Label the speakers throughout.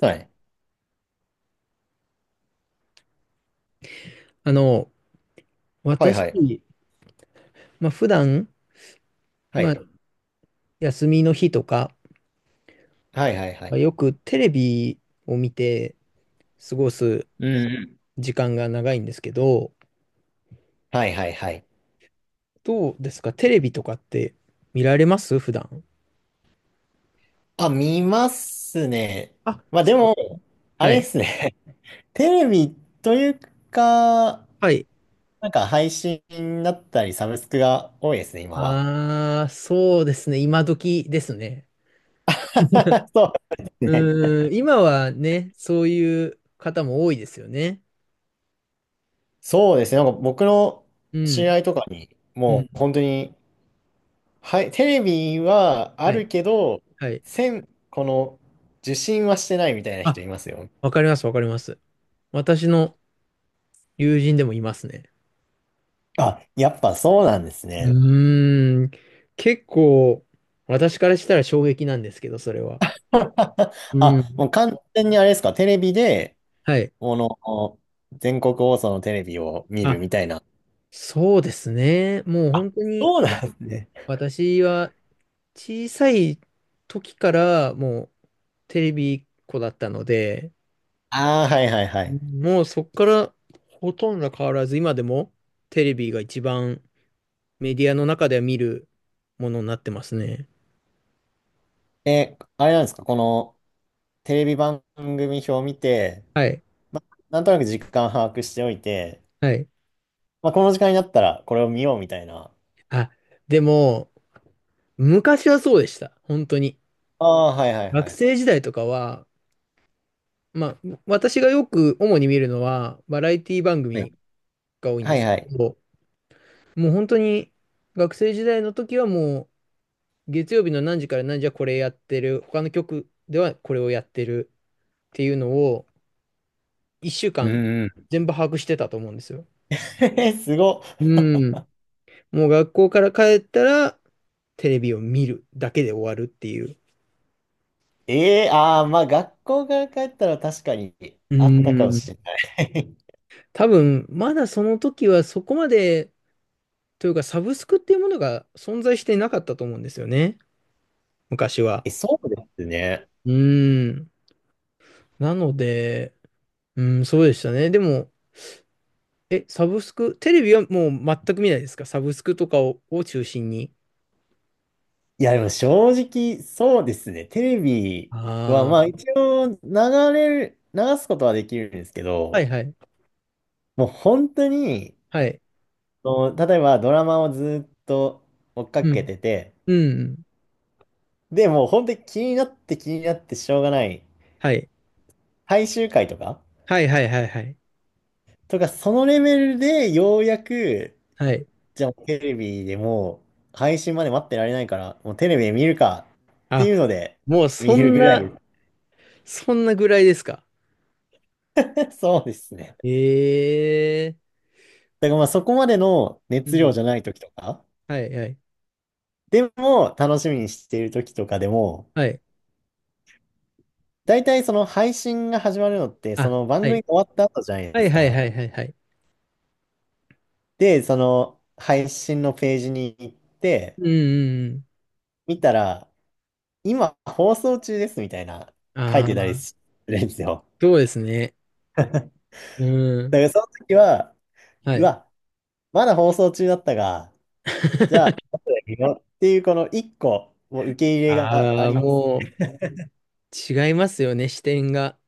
Speaker 1: はい。
Speaker 2: あの、
Speaker 1: はい
Speaker 2: 私、
Speaker 1: はい。
Speaker 2: まあ、普段、
Speaker 1: は
Speaker 2: まあ、
Speaker 1: い。
Speaker 2: 休みの日とか、
Speaker 1: はいはいは
Speaker 2: まあ、
Speaker 1: い。
Speaker 2: よくテレビを見て過ごす
Speaker 1: うんうん。
Speaker 2: 時間が長いんですけど、
Speaker 1: はいはいはい。
Speaker 2: どうですかテレビとかって見られます普段？
Speaker 1: あ、見ますね。
Speaker 2: あ、
Speaker 1: まあで
Speaker 2: そうか。
Speaker 1: も、あ
Speaker 2: は
Speaker 1: れで
Speaker 2: い。
Speaker 1: すね。テレビというか、
Speaker 2: はい。
Speaker 1: なんか配信だったりサブスクが多いですね、今は。
Speaker 2: ああ、そうですね。今時ですね。
Speaker 1: そうですね。
Speaker 2: 今はね、そういう方も多いですよね。
Speaker 1: そうですね。なんか僕の
Speaker 2: う
Speaker 1: 知り
Speaker 2: ん。
Speaker 1: 合いとかに、
Speaker 2: う
Speaker 1: も
Speaker 2: ん。
Speaker 1: う本当に、はい、テレビはあ
Speaker 2: はい。
Speaker 1: るけど、
Speaker 2: はい。
Speaker 1: この、受信はしてないみたいな人
Speaker 2: あ、
Speaker 1: いますよ。
Speaker 2: わかります、わかります。私の友人でもいますね。
Speaker 1: あ、やっぱそうなんですね。
Speaker 2: うーん。結構、私からしたら衝撃なんですけど、それは。う
Speaker 1: あ、も
Speaker 2: ん。
Speaker 1: う完全にあれですか、テレビで、
Speaker 2: はい。
Speaker 1: この、全国放送のテレビを見るみ
Speaker 2: あ、
Speaker 1: たいな。
Speaker 2: そうですね。もう本当に、
Speaker 1: そうなんですね。
Speaker 2: 私は小さい時からもうテレビっ子だったので、
Speaker 1: ああ、はいはいはい。
Speaker 2: もうそっからほとんど変わらず、今でもテレビが一番メディアの中では見るものになってますね。
Speaker 1: え、あれなんですか、このテレビ番組表を見て、
Speaker 2: はい。
Speaker 1: ま、なんとなく時間把握しておいて、
Speaker 2: はい。
Speaker 1: まあ、この時間になったらこれを見ようみたいな。
Speaker 2: あ、でも、昔はそうでした。本当に。
Speaker 1: ああ、はいはい
Speaker 2: 学
Speaker 1: はい。
Speaker 2: 生時代とかは、まあ、私がよく主に見るのは、バラエティ番
Speaker 1: はい
Speaker 2: 組が多いん
Speaker 1: は
Speaker 2: で
Speaker 1: い
Speaker 2: す
Speaker 1: は
Speaker 2: け
Speaker 1: い。
Speaker 2: ど、もう本当に学生時代の時はもう、月曜日の何時から何時はこれやってる、他の局ではこれをやってるっていうのを、1週
Speaker 1: う
Speaker 2: 間
Speaker 1: んうん。
Speaker 2: 全部把握してたと思うんですよ。
Speaker 1: えすご
Speaker 2: う
Speaker 1: っ。
Speaker 2: ん。もう学校から帰ったら、テレビを見るだけで終わるっていう。
Speaker 1: ええああまあ学校から帰ったら確かに
Speaker 2: う
Speaker 1: あったかも
Speaker 2: ん。
Speaker 1: しれない。
Speaker 2: 多分、まだその時はそこまで、というか、サブスクっていうものが存在していなかったと思うんですよね。昔 は。
Speaker 1: え、そうですね。
Speaker 2: うーん。なので、うん、そうでしたね。でも、サブスク、テレビはもう全く見ないですかサブスクとかを、中心に。
Speaker 1: いや、でも正直、そうですね。テレビは、
Speaker 2: あ
Speaker 1: まあ
Speaker 2: あ、
Speaker 1: 一応流れる、流すことはできるんですけ
Speaker 2: はい
Speaker 1: ど、
Speaker 2: はい。
Speaker 1: もう本当に、
Speaker 2: はい。
Speaker 1: その例えばドラマをずっと追っか
Speaker 2: う
Speaker 1: け
Speaker 2: ん。
Speaker 1: てて、
Speaker 2: うん。
Speaker 1: で、もう本当に気になって気になってしょうがない、
Speaker 2: はい。
Speaker 1: 最終回とか、
Speaker 2: はいはいはいはい。
Speaker 1: とか、そのレベルでようやく、
Speaker 2: はい。
Speaker 1: じゃあテレビでもう配信まで待ってられないから、もうテレビで見るかって
Speaker 2: あ、
Speaker 1: いうので、
Speaker 2: もう
Speaker 1: 見
Speaker 2: そ
Speaker 1: る
Speaker 2: ん
Speaker 1: ぐら
Speaker 2: な、
Speaker 1: い。
Speaker 2: そんなぐらいですか。
Speaker 1: そうですね。
Speaker 2: ええ
Speaker 1: だからまあそこまでの
Speaker 2: ーう
Speaker 1: 熱量
Speaker 2: ん。
Speaker 1: じゃない時とか、
Speaker 2: はいはい。
Speaker 1: でも楽しみにしている時とかでも、
Speaker 2: はい。
Speaker 1: 大体その配信が始まるのって、そ
Speaker 2: あ、
Speaker 1: の
Speaker 2: は
Speaker 1: 番組
Speaker 2: い。
Speaker 1: が終わった後じゃない
Speaker 2: は
Speaker 1: で
Speaker 2: い
Speaker 1: す
Speaker 2: はい
Speaker 1: か。
Speaker 2: はいはいはい。
Speaker 1: で、その配信のページに行って、
Speaker 2: うんうん
Speaker 1: 見たら、今放送中ですみたいな
Speaker 2: うん。
Speaker 1: 書いてた
Speaker 2: あ、
Speaker 1: りするんですよ。
Speaker 2: そうですね。うん。
Speaker 1: だからその時は、
Speaker 2: は
Speaker 1: う
Speaker 2: い。
Speaker 1: わ、まだ放送中だったが、じゃあ、後で見ようっていうこの一個、もう受け入れがあ
Speaker 2: ああ、
Speaker 1: ります。
Speaker 2: もう違いますよね、視点が。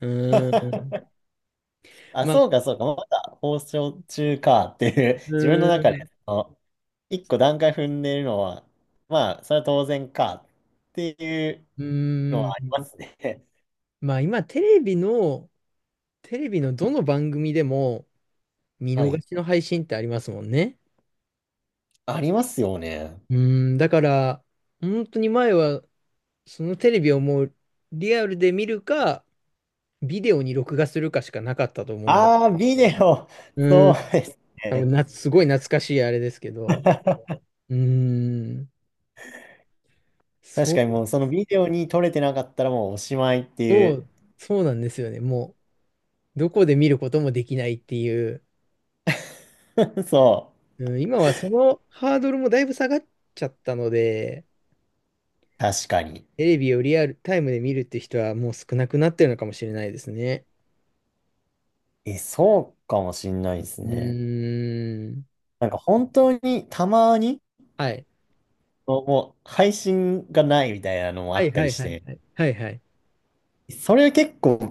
Speaker 2: うーん。
Speaker 1: あ、
Speaker 2: ま
Speaker 1: そう
Speaker 2: あ、
Speaker 1: か、そうか。まだ放送中かっていう、自分
Speaker 2: う
Speaker 1: の
Speaker 2: ー
Speaker 1: 中で、
Speaker 2: ん。
Speaker 1: その一個段階踏んでるのは、まあ、それは当然かっていう
Speaker 2: う
Speaker 1: の
Speaker 2: ん。
Speaker 1: はありますね。
Speaker 2: まあ、今、テレビのどの番組でも見
Speaker 1: は
Speaker 2: 逃
Speaker 1: い。
Speaker 2: しの配信ってありますもんね。
Speaker 1: ありますよね。
Speaker 2: うーん。だから、本当に前は、そのテレビをもうリアルで見るか、ビデオに録画するかしかなかったと思うの
Speaker 1: ああ、ビデ
Speaker 2: で。
Speaker 1: オ。
Speaker 2: う
Speaker 1: そう
Speaker 2: ん。
Speaker 1: です
Speaker 2: 多分
Speaker 1: ね。
Speaker 2: な、すごい懐かしいあれですけど。うーん。
Speaker 1: 確かに
Speaker 2: そ
Speaker 1: もう、そのビデオに撮れてなかったらもうおしまいっていう。
Speaker 2: う、そうなんですよね。もう、どこで見ることもできないっていう。
Speaker 1: そう。
Speaker 2: うん、今はそのハードルもだいぶ下がっちゃったので、
Speaker 1: 確かに。
Speaker 2: テレビをリアルタイムで見るって人はもう少なくなってるのかもしれないですね。
Speaker 1: え、そうかもしんないです
Speaker 2: う
Speaker 1: ね。
Speaker 2: ーん。
Speaker 1: なんか本当にたまに、
Speaker 2: はい。
Speaker 1: もう配信がないみたいなのもあ
Speaker 2: はい
Speaker 1: った
Speaker 2: は
Speaker 1: り
Speaker 2: い
Speaker 1: し
Speaker 2: はい
Speaker 1: て、
Speaker 2: はい。はいはい。
Speaker 1: それは結構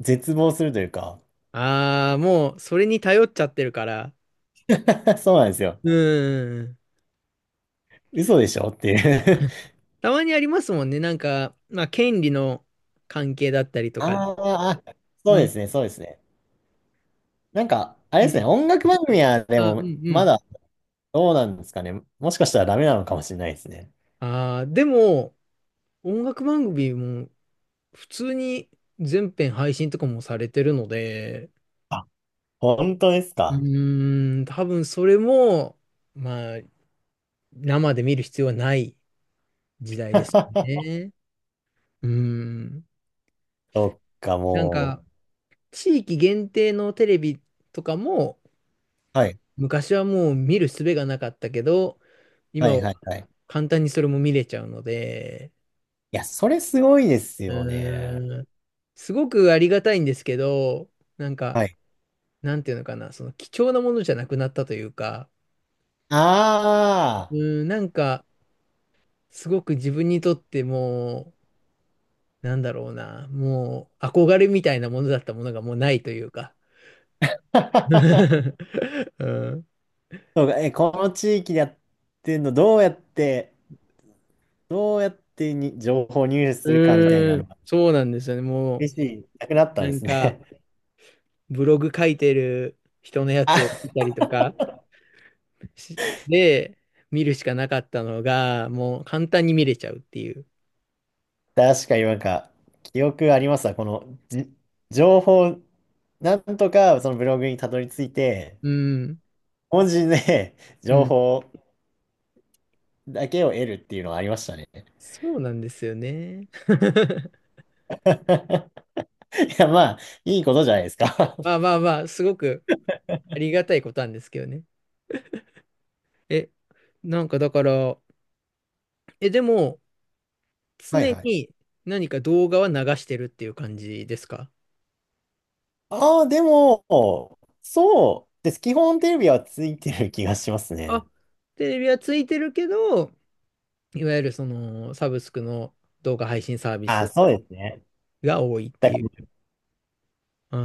Speaker 1: 絶望するというか。
Speaker 2: ああ、もうそれに頼っちゃってるから。
Speaker 1: そうなんですよ。
Speaker 2: うーん。
Speaker 1: 嘘でしょっていう。
Speaker 2: たまにありますもんね。なんか、まあ、権利の関係だったり とか
Speaker 1: あ
Speaker 2: で。
Speaker 1: ーあ、そ
Speaker 2: う
Speaker 1: うで
Speaker 2: ん。
Speaker 1: すね、そうですね。なんか、あれ
Speaker 2: う
Speaker 1: ですね、
Speaker 2: ん。
Speaker 1: 音楽番組はで
Speaker 2: あ、うん
Speaker 1: も、
Speaker 2: う
Speaker 1: ま
Speaker 2: ん。
Speaker 1: だどうなんですかね。もしかしたらダメなのかもしれないですね。
Speaker 2: ああ、でも、音楽番組も普通に全編配信とかもされてるので、
Speaker 1: あ、本当です
Speaker 2: う
Speaker 1: か。
Speaker 2: ーん、多分それも、まあ、生で見る必要はない時代です ね。うん。
Speaker 1: そっか、
Speaker 2: なん
Speaker 1: も
Speaker 2: か、地域限定のテレビとかも、
Speaker 1: う。はい、
Speaker 2: 昔はもう見る術がなかったけど、
Speaker 1: は
Speaker 2: 今
Speaker 1: い、
Speaker 2: は
Speaker 1: はい、はい。
Speaker 2: 簡単にそれも見れちゃうので、
Speaker 1: いや、それすごいです
Speaker 2: う
Speaker 1: よね。
Speaker 2: ーん、すごくありがたいんですけど、なんか、
Speaker 1: はい。
Speaker 2: なんていうのかな、その貴重なものじゃなくなったというか、
Speaker 1: あ
Speaker 2: うん、なんか、すごく自分にとってもう、なんだろうな、もう憧れみたいなものだったものがもうないというか。
Speaker 1: あ。
Speaker 2: うん、
Speaker 1: そうか、え、この地域でやってんの、どうやってに情報入手
Speaker 2: う
Speaker 1: するかみたいな
Speaker 2: ー
Speaker 1: の
Speaker 2: ん、
Speaker 1: が、
Speaker 2: そうなんですよね。も
Speaker 1: 厳しい、なくなっ
Speaker 2: う、
Speaker 1: たん
Speaker 2: な
Speaker 1: で
Speaker 2: ん
Speaker 1: す
Speaker 2: か、
Speaker 1: ね。
Speaker 2: ブログ書いてる人のやつ を
Speaker 1: あ、
Speaker 2: 見たりとかしで、見るしかなかったのが、もう簡単に見れちゃうっていう。
Speaker 1: 確かになんか、記憶ありますわ。この、じ、情報、なんとかそのブログにたどり着いて、
Speaker 2: うん、
Speaker 1: 文字で
Speaker 2: う
Speaker 1: 情
Speaker 2: ん。
Speaker 1: 報だけを得るっていうのはありましたね。
Speaker 2: そうなんですよね。
Speaker 1: いや、まあ、いいことじゃないですか。
Speaker 2: まあまあまあ、すごくありがたいことなんですけどね。え、なんかだから、でも、
Speaker 1: はい
Speaker 2: 常
Speaker 1: はい。
Speaker 2: に何か動画は流してるっていう感じですか？
Speaker 1: ああ、でも、そうです。基本テレビはついてる気がします
Speaker 2: あ、
Speaker 1: ね。
Speaker 2: テレビはついてるけど、いわゆるそのサブスクの動画配信サービ
Speaker 1: ああ、
Speaker 2: ス
Speaker 1: そうですね。
Speaker 2: が多いって
Speaker 1: だ
Speaker 2: いう。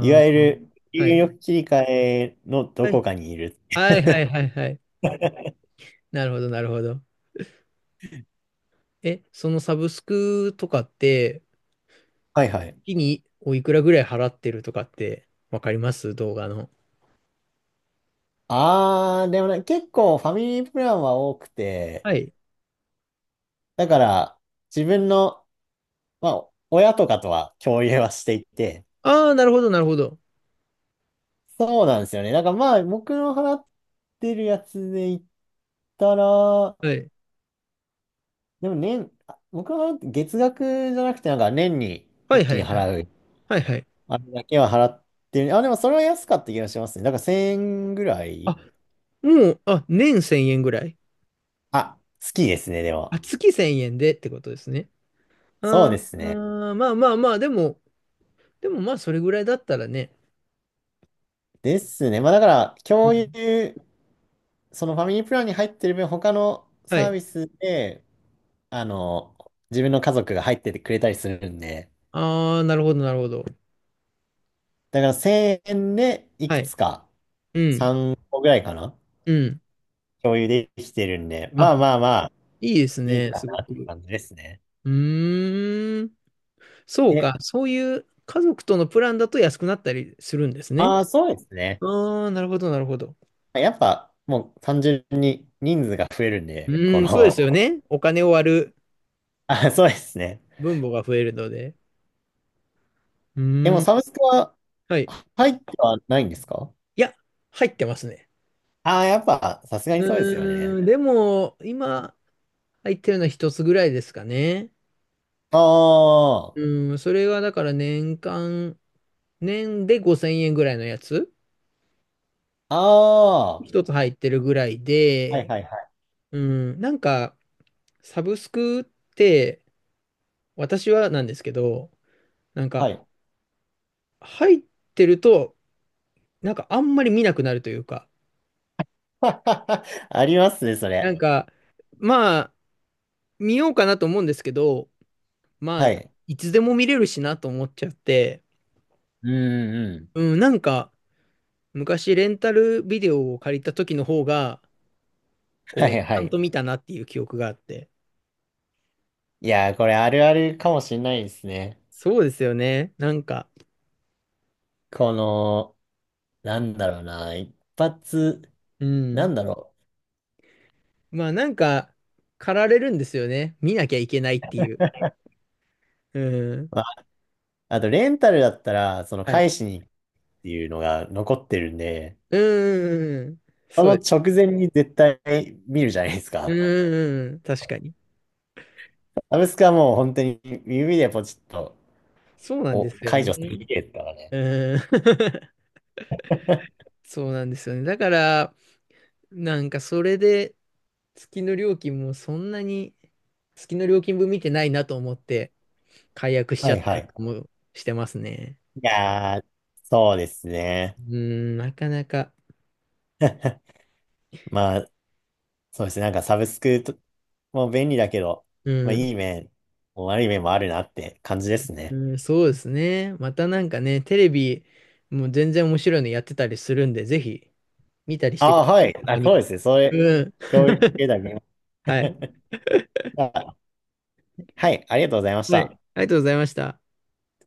Speaker 1: いわゆる、
Speaker 2: あ、は
Speaker 1: 入
Speaker 2: い。
Speaker 1: 力切り替えのど
Speaker 2: は
Speaker 1: こ
Speaker 2: い。
Speaker 1: かにいる。
Speaker 2: はいはい はいはい。なるほどなるほど。そのサブスクとかって、
Speaker 1: はいはい。
Speaker 2: 月においくらぐらい払ってるとかってわかります動画の？
Speaker 1: あー、でもね、結構ファミリープランは多くて、
Speaker 2: はい。
Speaker 1: だから自分の、まあ、親とかとは共有はしていて、
Speaker 2: ああ、なるほど、なるほど。
Speaker 1: そうなんですよね。だからまあ、僕の払ってるやつで言ったら、
Speaker 2: はい。
Speaker 1: でも、あ僕の払って月額じゃなくて、なんか年に
Speaker 2: は
Speaker 1: 一
Speaker 2: いは
Speaker 1: 気に
Speaker 2: いはい。
Speaker 1: 払う、
Speaker 2: はいはい。
Speaker 1: あれだけは払ってる。あ、でもそれは安かった気がしますね。だから1000円ぐら
Speaker 2: あ、
Speaker 1: い。
Speaker 2: もう、あ、年1000円ぐらい。
Speaker 1: 好きですね、で
Speaker 2: あ、
Speaker 1: も。
Speaker 2: 月1000円でってことですね。
Speaker 1: そう
Speaker 2: あー
Speaker 1: ですね。
Speaker 2: あー、まあまあまあ、でもまあ、それぐらいだったらね。
Speaker 1: ですね。まあだから、
Speaker 2: う
Speaker 1: 共有、
Speaker 2: ん、
Speaker 1: そのファミリープランに入ってる分、他の
Speaker 2: は
Speaker 1: サー
Speaker 2: い。
Speaker 1: ビスで、あの、自分の家族が入っててくれたりするんで、
Speaker 2: ああ、なるほど、なるほど。
Speaker 1: だから1000円でい
Speaker 2: は
Speaker 1: く
Speaker 2: い。
Speaker 1: つか、
Speaker 2: うん、
Speaker 1: 3個ぐらいかな、
Speaker 2: うん。
Speaker 1: 共有できてるんで、ま
Speaker 2: あ、
Speaker 1: あまあまあ、
Speaker 2: いいです
Speaker 1: いい
Speaker 2: ね、
Speaker 1: かな
Speaker 2: すご
Speaker 1: って
Speaker 2: く。
Speaker 1: 感じですね。
Speaker 2: うーん。そう
Speaker 1: え、
Speaker 2: か、そういう家族とのプランだと安くなったりするんですね。
Speaker 1: ああ、そうですね。
Speaker 2: ああ、なるほど、なるほど。
Speaker 1: やっぱ、もう単純に人数が増えるん
Speaker 2: う
Speaker 1: で、こ
Speaker 2: ーん、そうですよ
Speaker 1: の、
Speaker 2: ね。お金を割る
Speaker 1: あ、そうですね。
Speaker 2: 分母が増えるので。う
Speaker 1: でも
Speaker 2: ーん、
Speaker 1: サブスクは
Speaker 2: はい。
Speaker 1: 入ってはないんですか。
Speaker 2: いや、入ってますね。
Speaker 1: ああ、やっぱ、さすがにそうですよ
Speaker 2: う
Speaker 1: ね。
Speaker 2: ーん、でも、今、入ってるのは一つぐらいですかね。
Speaker 1: あ
Speaker 2: うーん、それがだから年間、年で5000円ぐらいのやつ、
Speaker 1: あ、ああ、
Speaker 2: 一つ入ってるぐらい
Speaker 1: はい
Speaker 2: で、
Speaker 1: はいはい。
Speaker 2: うん、なんか、サブスクって、私はなんですけど、なん
Speaker 1: は
Speaker 2: か、
Speaker 1: い。
Speaker 2: 入ってると、なんかあんまり見なくなるというか、
Speaker 1: ありますね、そ
Speaker 2: な
Speaker 1: れ。
Speaker 2: んか、まあ、見ようかなと思うんですけど、まあ、
Speaker 1: はい。
Speaker 2: いつでも見れるしなと思っちゃって、
Speaker 1: うんうん。
Speaker 2: うん、なんか、昔レンタルビデオを借りた時の方が、こ
Speaker 1: は
Speaker 2: う、ち
Speaker 1: いは
Speaker 2: ゃん
Speaker 1: い。
Speaker 2: と見たなっていう記憶があって。
Speaker 1: いやー、これあるあるかもしんないですね。
Speaker 2: そうですよね。なんか、
Speaker 1: この、なんだろうな、一発、
Speaker 2: う
Speaker 1: な
Speaker 2: ん。
Speaker 1: んだろ
Speaker 2: まあ、なんか、駆られるんですよね。見なきゃいけないっていう。うん。
Speaker 1: う。まあ、あと、レンタルだったら、その
Speaker 2: はい。
Speaker 1: 返しにっていうのが残ってるんで、
Speaker 2: うん、うん、うん。
Speaker 1: そ
Speaker 2: そう
Speaker 1: の
Speaker 2: です。
Speaker 1: 直前に絶対見るじゃないです
Speaker 2: うん、
Speaker 1: か。
Speaker 2: うん、うん。確かに。
Speaker 1: アブスカはもう本当に指でポチッと
Speaker 2: そうなんで
Speaker 1: お、
Speaker 2: すよ
Speaker 1: 解除する
Speaker 2: ね。
Speaker 1: 系ですからね。
Speaker 2: うん。そうなんですよね。だから、なんかそれで月の料金もそんなに月の料金分見てないなと思って解約しち
Speaker 1: は
Speaker 2: ゃっ
Speaker 1: い
Speaker 2: た
Speaker 1: は
Speaker 2: り
Speaker 1: い。
Speaker 2: もしてますね。
Speaker 1: いやー、そうですね。
Speaker 2: うん、なかなか。
Speaker 1: まあ、そうですね。なんかサブスクと、もう便利だけど、
Speaker 2: う
Speaker 1: まあ
Speaker 2: ん、
Speaker 1: いい面、もう悪い面もあるなって感じですね。
Speaker 2: うん、そうですね。またなんかね、テレビも全然面白いのやってたりするんで、ぜひ見たりして
Speaker 1: あ
Speaker 2: くだ
Speaker 1: あ、
Speaker 2: さ
Speaker 1: はい。
Speaker 2: い。たま
Speaker 1: あ、
Speaker 2: に
Speaker 1: そうで
Speaker 2: は。
Speaker 1: すね。それ、
Speaker 2: うん。
Speaker 1: 教育系だ ね。
Speaker 2: はい。
Speaker 1: あはい。ありがとうございまし
Speaker 2: はい。
Speaker 1: た。
Speaker 2: ありがとうございました。